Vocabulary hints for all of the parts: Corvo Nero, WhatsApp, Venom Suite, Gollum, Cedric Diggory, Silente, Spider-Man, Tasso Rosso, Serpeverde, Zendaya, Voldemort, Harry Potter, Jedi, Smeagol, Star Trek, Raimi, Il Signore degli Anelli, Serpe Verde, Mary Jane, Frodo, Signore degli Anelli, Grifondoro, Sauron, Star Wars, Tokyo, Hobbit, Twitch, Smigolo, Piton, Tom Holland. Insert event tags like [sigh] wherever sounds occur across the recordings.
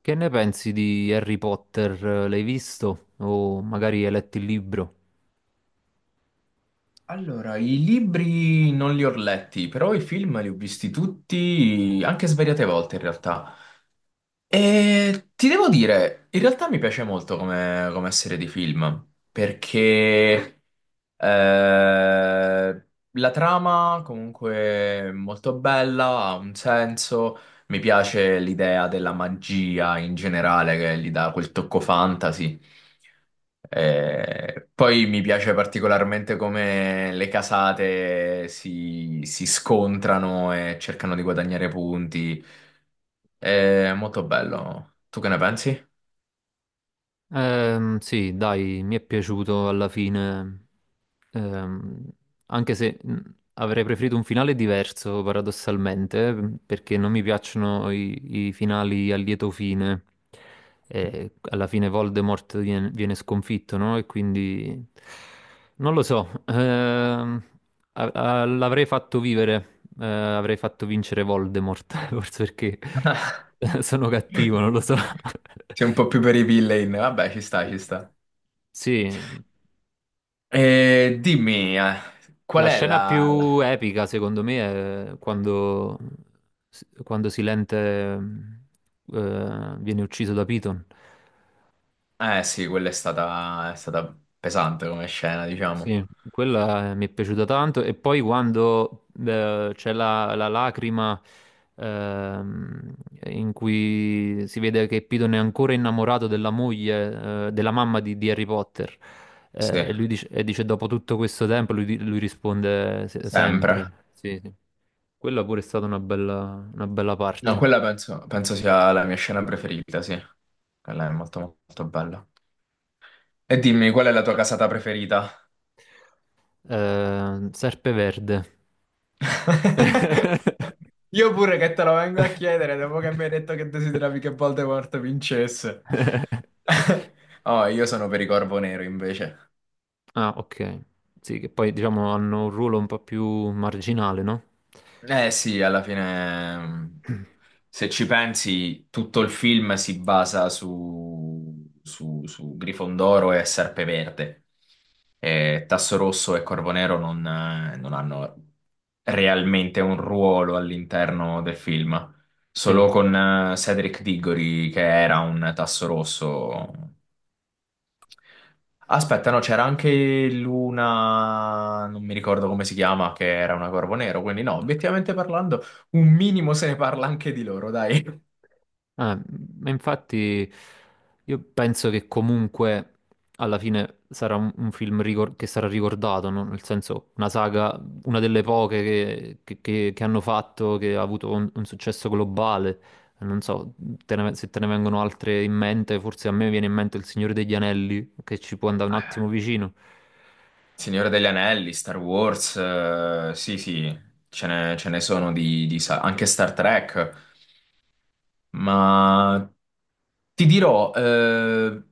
Che ne pensi di Harry Potter? L'hai visto? O magari hai letto il libro? Allora, i libri non li ho letti, però i film li ho visti tutti, anche svariate volte in realtà. E ti devo dire, in realtà mi piace molto come serie di film, perché eh, la trama comunque è molto bella, ha un senso, mi piace l'idea della magia in generale che gli dà quel tocco fantasy. Poi mi piace particolarmente come le casate si scontrano e cercano di guadagnare punti. È molto bello. Tu che ne pensi? Sì, dai, mi è piaciuto alla fine. Ehm, Anche se avrei preferito un finale diverso, paradossalmente, perché non mi piacciono i finali a lieto fine. Alla fine Voldemort viene sconfitto, no? E quindi non lo so. L'avrei fatto vivere, avrei fatto vincere Voldemort, [laughs] forse perché [laughs] sono cattivo, non [laughs] lo so. Sei un po' più [laughs] per i villain. Vabbè, ci sta, ci sta. Sì. E dimmi, qual La è scena più epica, secondo me, è quando Silente viene ucciso da Piton. Eh sì, quella è stata pesante come scena, diciamo. Sì, quella mi è piaciuta tanto. E poi quando c'è la lacrima, ehm, in cui si vede che Piton è ancora innamorato della moglie, della mamma di Harry Potter. Sì, E lui dice, e dice, dopo tutto questo tempo, lui, lui risponde sempre. sempre. Sì, sì. Quella pure è stata una bella No, parte. quella penso sia la mia scena preferita, sì. Quella è molto, molto bella. E dimmi, qual è la tua casata preferita? Serpe Verde. [laughs] [laughs] Io pure che te lo vengo a chiedere dopo che mi hai detto che desideravi che Voldemort vincesse. [laughs] Oh, io sono per i Corvo Nero invece. Ah, ok. Sì, che poi diciamo hanno un ruolo un po' più marginale, no? Eh sì, alla fine, [clears throat] se ci pensi, tutto il film si basa su Grifondoro e Serpeverde. E Tasso Rosso e Corvo Nero non hanno realmente un ruolo all'interno del film. Sì. Solo con Cedric Diggory, che era un Tasso Rosso. Aspetta, no, c'era anche l'una, non mi ricordo come si chiama, che era una Corvo Nero, quindi no, obiettivamente parlando, un minimo se ne parla anche di loro, dai. Eh, ma infatti io penso che comunque alla fine sarà un film che sarà ricordato, no? Nel senso una saga, una delle poche che hanno fatto, che ha avuto un successo globale. Non so se te ne vengono altre in mente, forse a me viene in mente Il Signore degli Anelli, che ci può andare un attimo vicino. Signore degli Anelli, Star Wars, sì, sì, ce ne sono anche Star Trek, ma ti dirò,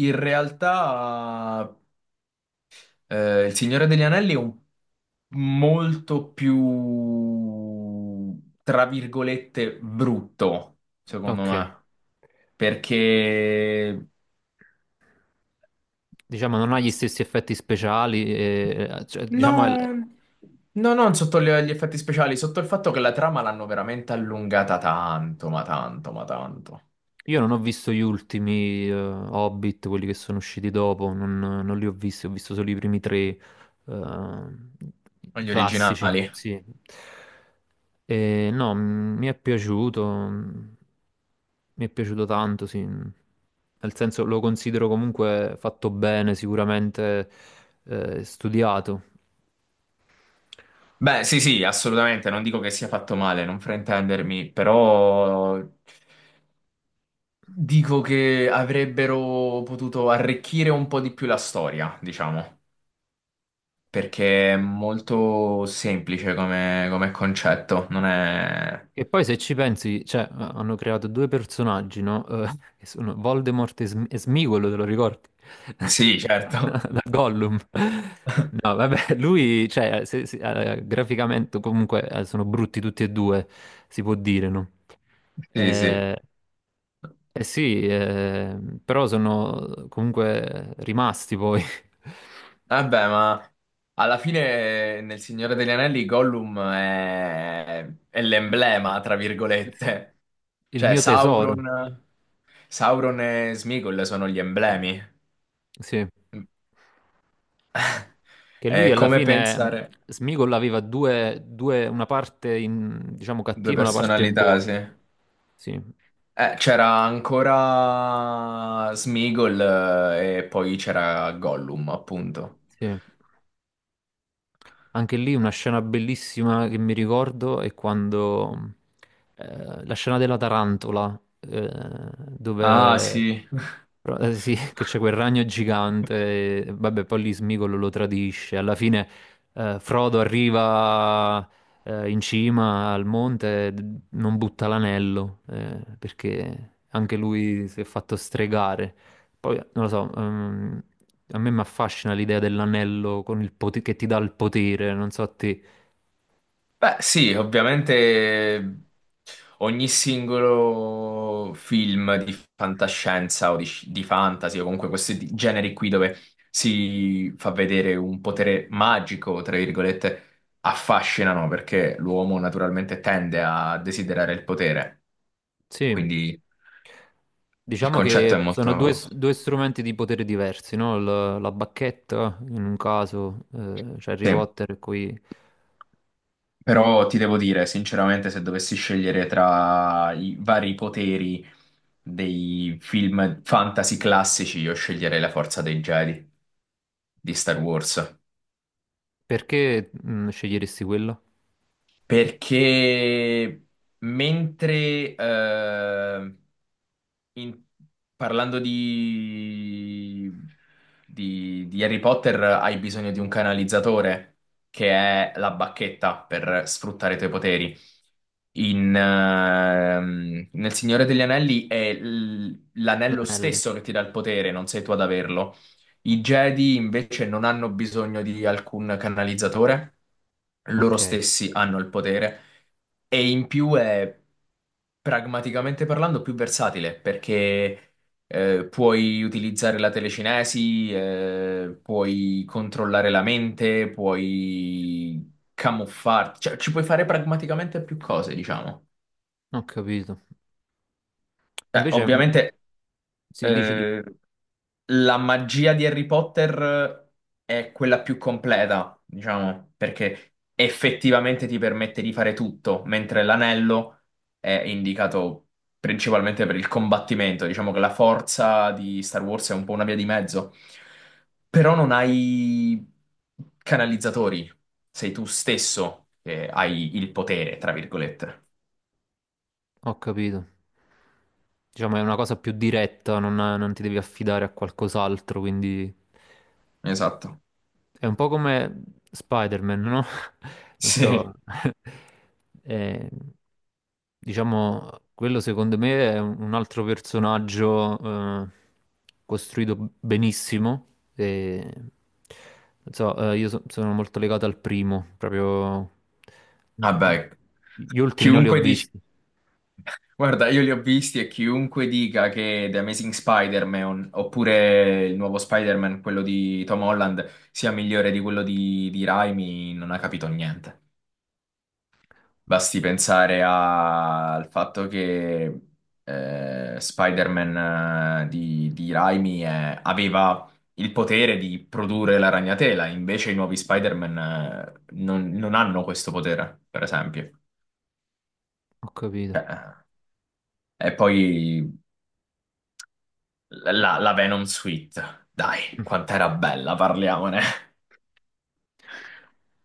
in realtà Il Signore degli Anelli è un molto più, tra virgolette, brutto, secondo Ok, me, perché diciamo non ha gli stessi effetti speciali, e, cioè, diciamo è, mm. no, no, non sotto gli effetti speciali, sotto il fatto che la trama l'hanno veramente allungata tanto, ma tanto, ma tanto. Io non ho visto gli ultimi Hobbit, quelli che sono usciti dopo, non, non li ho visti, ho visto solo i primi tre, i Gli classici, originali. sì. E, no, mi è piaciuto, mi è piaciuto tanto, sì. Nel senso lo considero comunque fatto bene, sicuramente studiato. Beh, sì, sì, assolutamente, non dico che sia fatto male, non fraintendermi, però dico che avrebbero potuto arricchire un po' di più la storia, diciamo, perché è molto semplice come concetto, non è... E poi se ci pensi, cioè, hanno creato due personaggi, no? [laughs] Che sono Voldemort e, e Smigolo, te lo ricordi? [laughs] Sì, certo. [laughs] Da Gollum. No, vabbè, [laughs] lui, cioè, graficamente comunque sono brutti tutti e due, si può dire, no? Sì, sì. Eh, eh sì, però sono comunque rimasti poi. Vabbè, ma alla fine nel Signore degli Anelli Gollum è l'emblema, tra [laughs] virgolette. Il Cioè, mio tesoro, Sauron, Sauron e Smigol sono gli emblemi. sì. Che lui È alla come fine pensare Smigol aveva due, una parte diciamo due cattiva e una parte personalità, buona. sì. Sì, C'era ancora Smeagol e poi c'era Gollum, appunto. sì. Anche lì una scena bellissima che mi ricordo è quando la scena della tarantola, Ah, dove sì. [laughs] Sì, [laughs] che c'è quel ragno gigante, e, vabbè, poi lì Smigolo lo tradisce. Alla fine Frodo arriva in cima al monte, e non butta l'anello, perché anche lui si è fatto stregare. Poi, non lo so, a me mi affascina l'idea dell'anello con il che ti dà il potere, non so a te. Beh, sì, ovviamente ogni singolo film di fantascienza o di fantasy o comunque questi generi qui dove si fa vedere un potere magico, tra virgolette, affascinano perché l'uomo naturalmente tende a desiderare il potere. Sì, Quindi il diciamo concetto è che sono due, molto... due strumenti di potere diversi, no? La bacchetta, in un caso, c'è Harry sì. Potter qui. Però ti devo dire, sinceramente, se dovessi scegliere tra i vari poteri dei film fantasy classici, io sceglierei la forza dei Jedi di Star Wars. Perché mm, sceglieresti quello? Perché mentre In- parlando di... di Harry Potter, hai bisogno di un canalizzatore, che è la bacchetta per sfruttare i tuoi poteri. Nel Signore degli Anelli è l'anello L'anello. stesso che ti dà il potere, non sei tu ad averlo. I Jedi invece non hanno bisogno di alcun canalizzatore, loro Ok, stessi hanno il potere e in più è pragmaticamente parlando più versatile perché puoi utilizzare la telecinesi, puoi controllare la mente, puoi camuffarti, cioè ci puoi fare pragmaticamente più cose, diciamo. non ho capito. Invece, mm, mm, Ovviamente sì, dici, dici. eh, la magia di Harry Potter è quella più completa, diciamo, perché effettivamente ti permette di fare tutto, mentre l'anello è indicato principalmente per il combattimento. Diciamo che la forza di Star Wars è un po' una via di mezzo, però non hai canalizzatori, sei tu stesso che hai il potere, tra virgolette. Ho capito. Diciamo è una cosa più diretta, non, non ti devi affidare a qualcos'altro, quindi Esatto. [laughs] è un po' come Spider-Man, no? [laughs] Non Sì, so. [laughs] Eh, diciamo, quello secondo me è un altro personaggio eh, costruito benissimo. E, non so, io sono molto legato al primo, proprio vabbè, gli ultimi non li ho chiunque dici visti. guarda, io li ho visti e chiunque dica che The Amazing Spider-Man oppure il nuovo Spider-Man, quello di Tom Holland, sia migliore di quello di Raimi, non ha capito niente. Basti pensare al fatto che Spider-Man di Raimi aveva il potere di produrre la ragnatela, invece i nuovi Spider-Man non hanno questo potere, per esempio. Ho capito. Cioè, e poi. La Venom Suite, dai, Mm. quant'era bella, parliamone.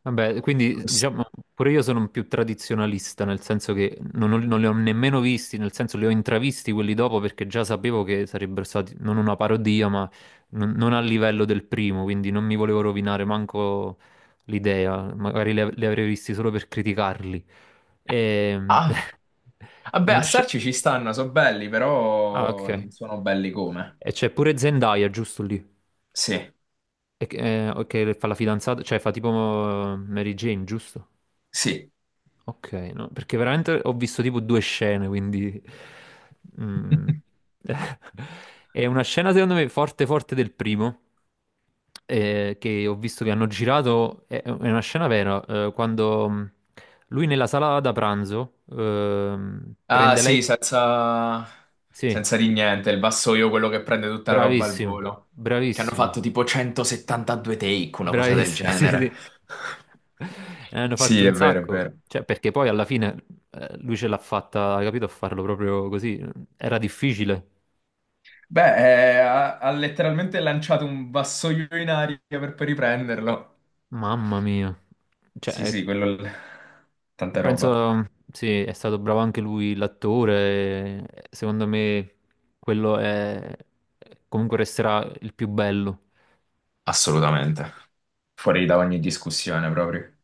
Vabbè, quindi diciamo pure io sono un più tradizionalista, nel senso che non, non li ho nemmeno visti, nel senso li ho intravisti quelli dopo perché già sapevo che sarebbero stati non una parodia, ma non, non a livello del primo, quindi non mi volevo rovinare manco l'idea, magari li, li avrei visti solo per criticarli. E... Ah, [laughs] vabbè, a Una starci ci stanno, sono belli, ah, però ok. non sono belli come. E c'è pure Zendaya, giusto lì, Sì, e, che fa la fidanzata, cioè fa tipo Mary Jane, giusto? sì. Ok, no, perché veramente ho visto tipo due scene, quindi... mm. [laughs] [laughs] È una scena secondo me forte forte del primo, che ho visto che hanno girato, è una scena vera, quando mm, lui nella sala da pranzo Ah, prende lei... sì, senza... Sì, senza di niente, il vassoio, quello che prende tutta la roba al bravissimo, volo. Che hanno bravissimo. fatto tipo 172 take, una cosa del Bravissimi, [laughs] sì, genere. sì. Ne [laughs] hanno fatto Sì, è un vero, è sacco. vero. Cioè, perché poi alla fine lui ce l'ha fatta, hai capito, a farlo proprio così. Era difficile. Beh, ha letteralmente lanciato un vassoio in aria per poi riprenderlo. Mamma mia. Cioè, Sì, sì, quello... Tanta roba. penso, sì, è stato bravo anche lui, l'attore. Eh, secondo me quello è... comunque resterà il più bello. Assolutamente. Fuori da ogni discussione proprio.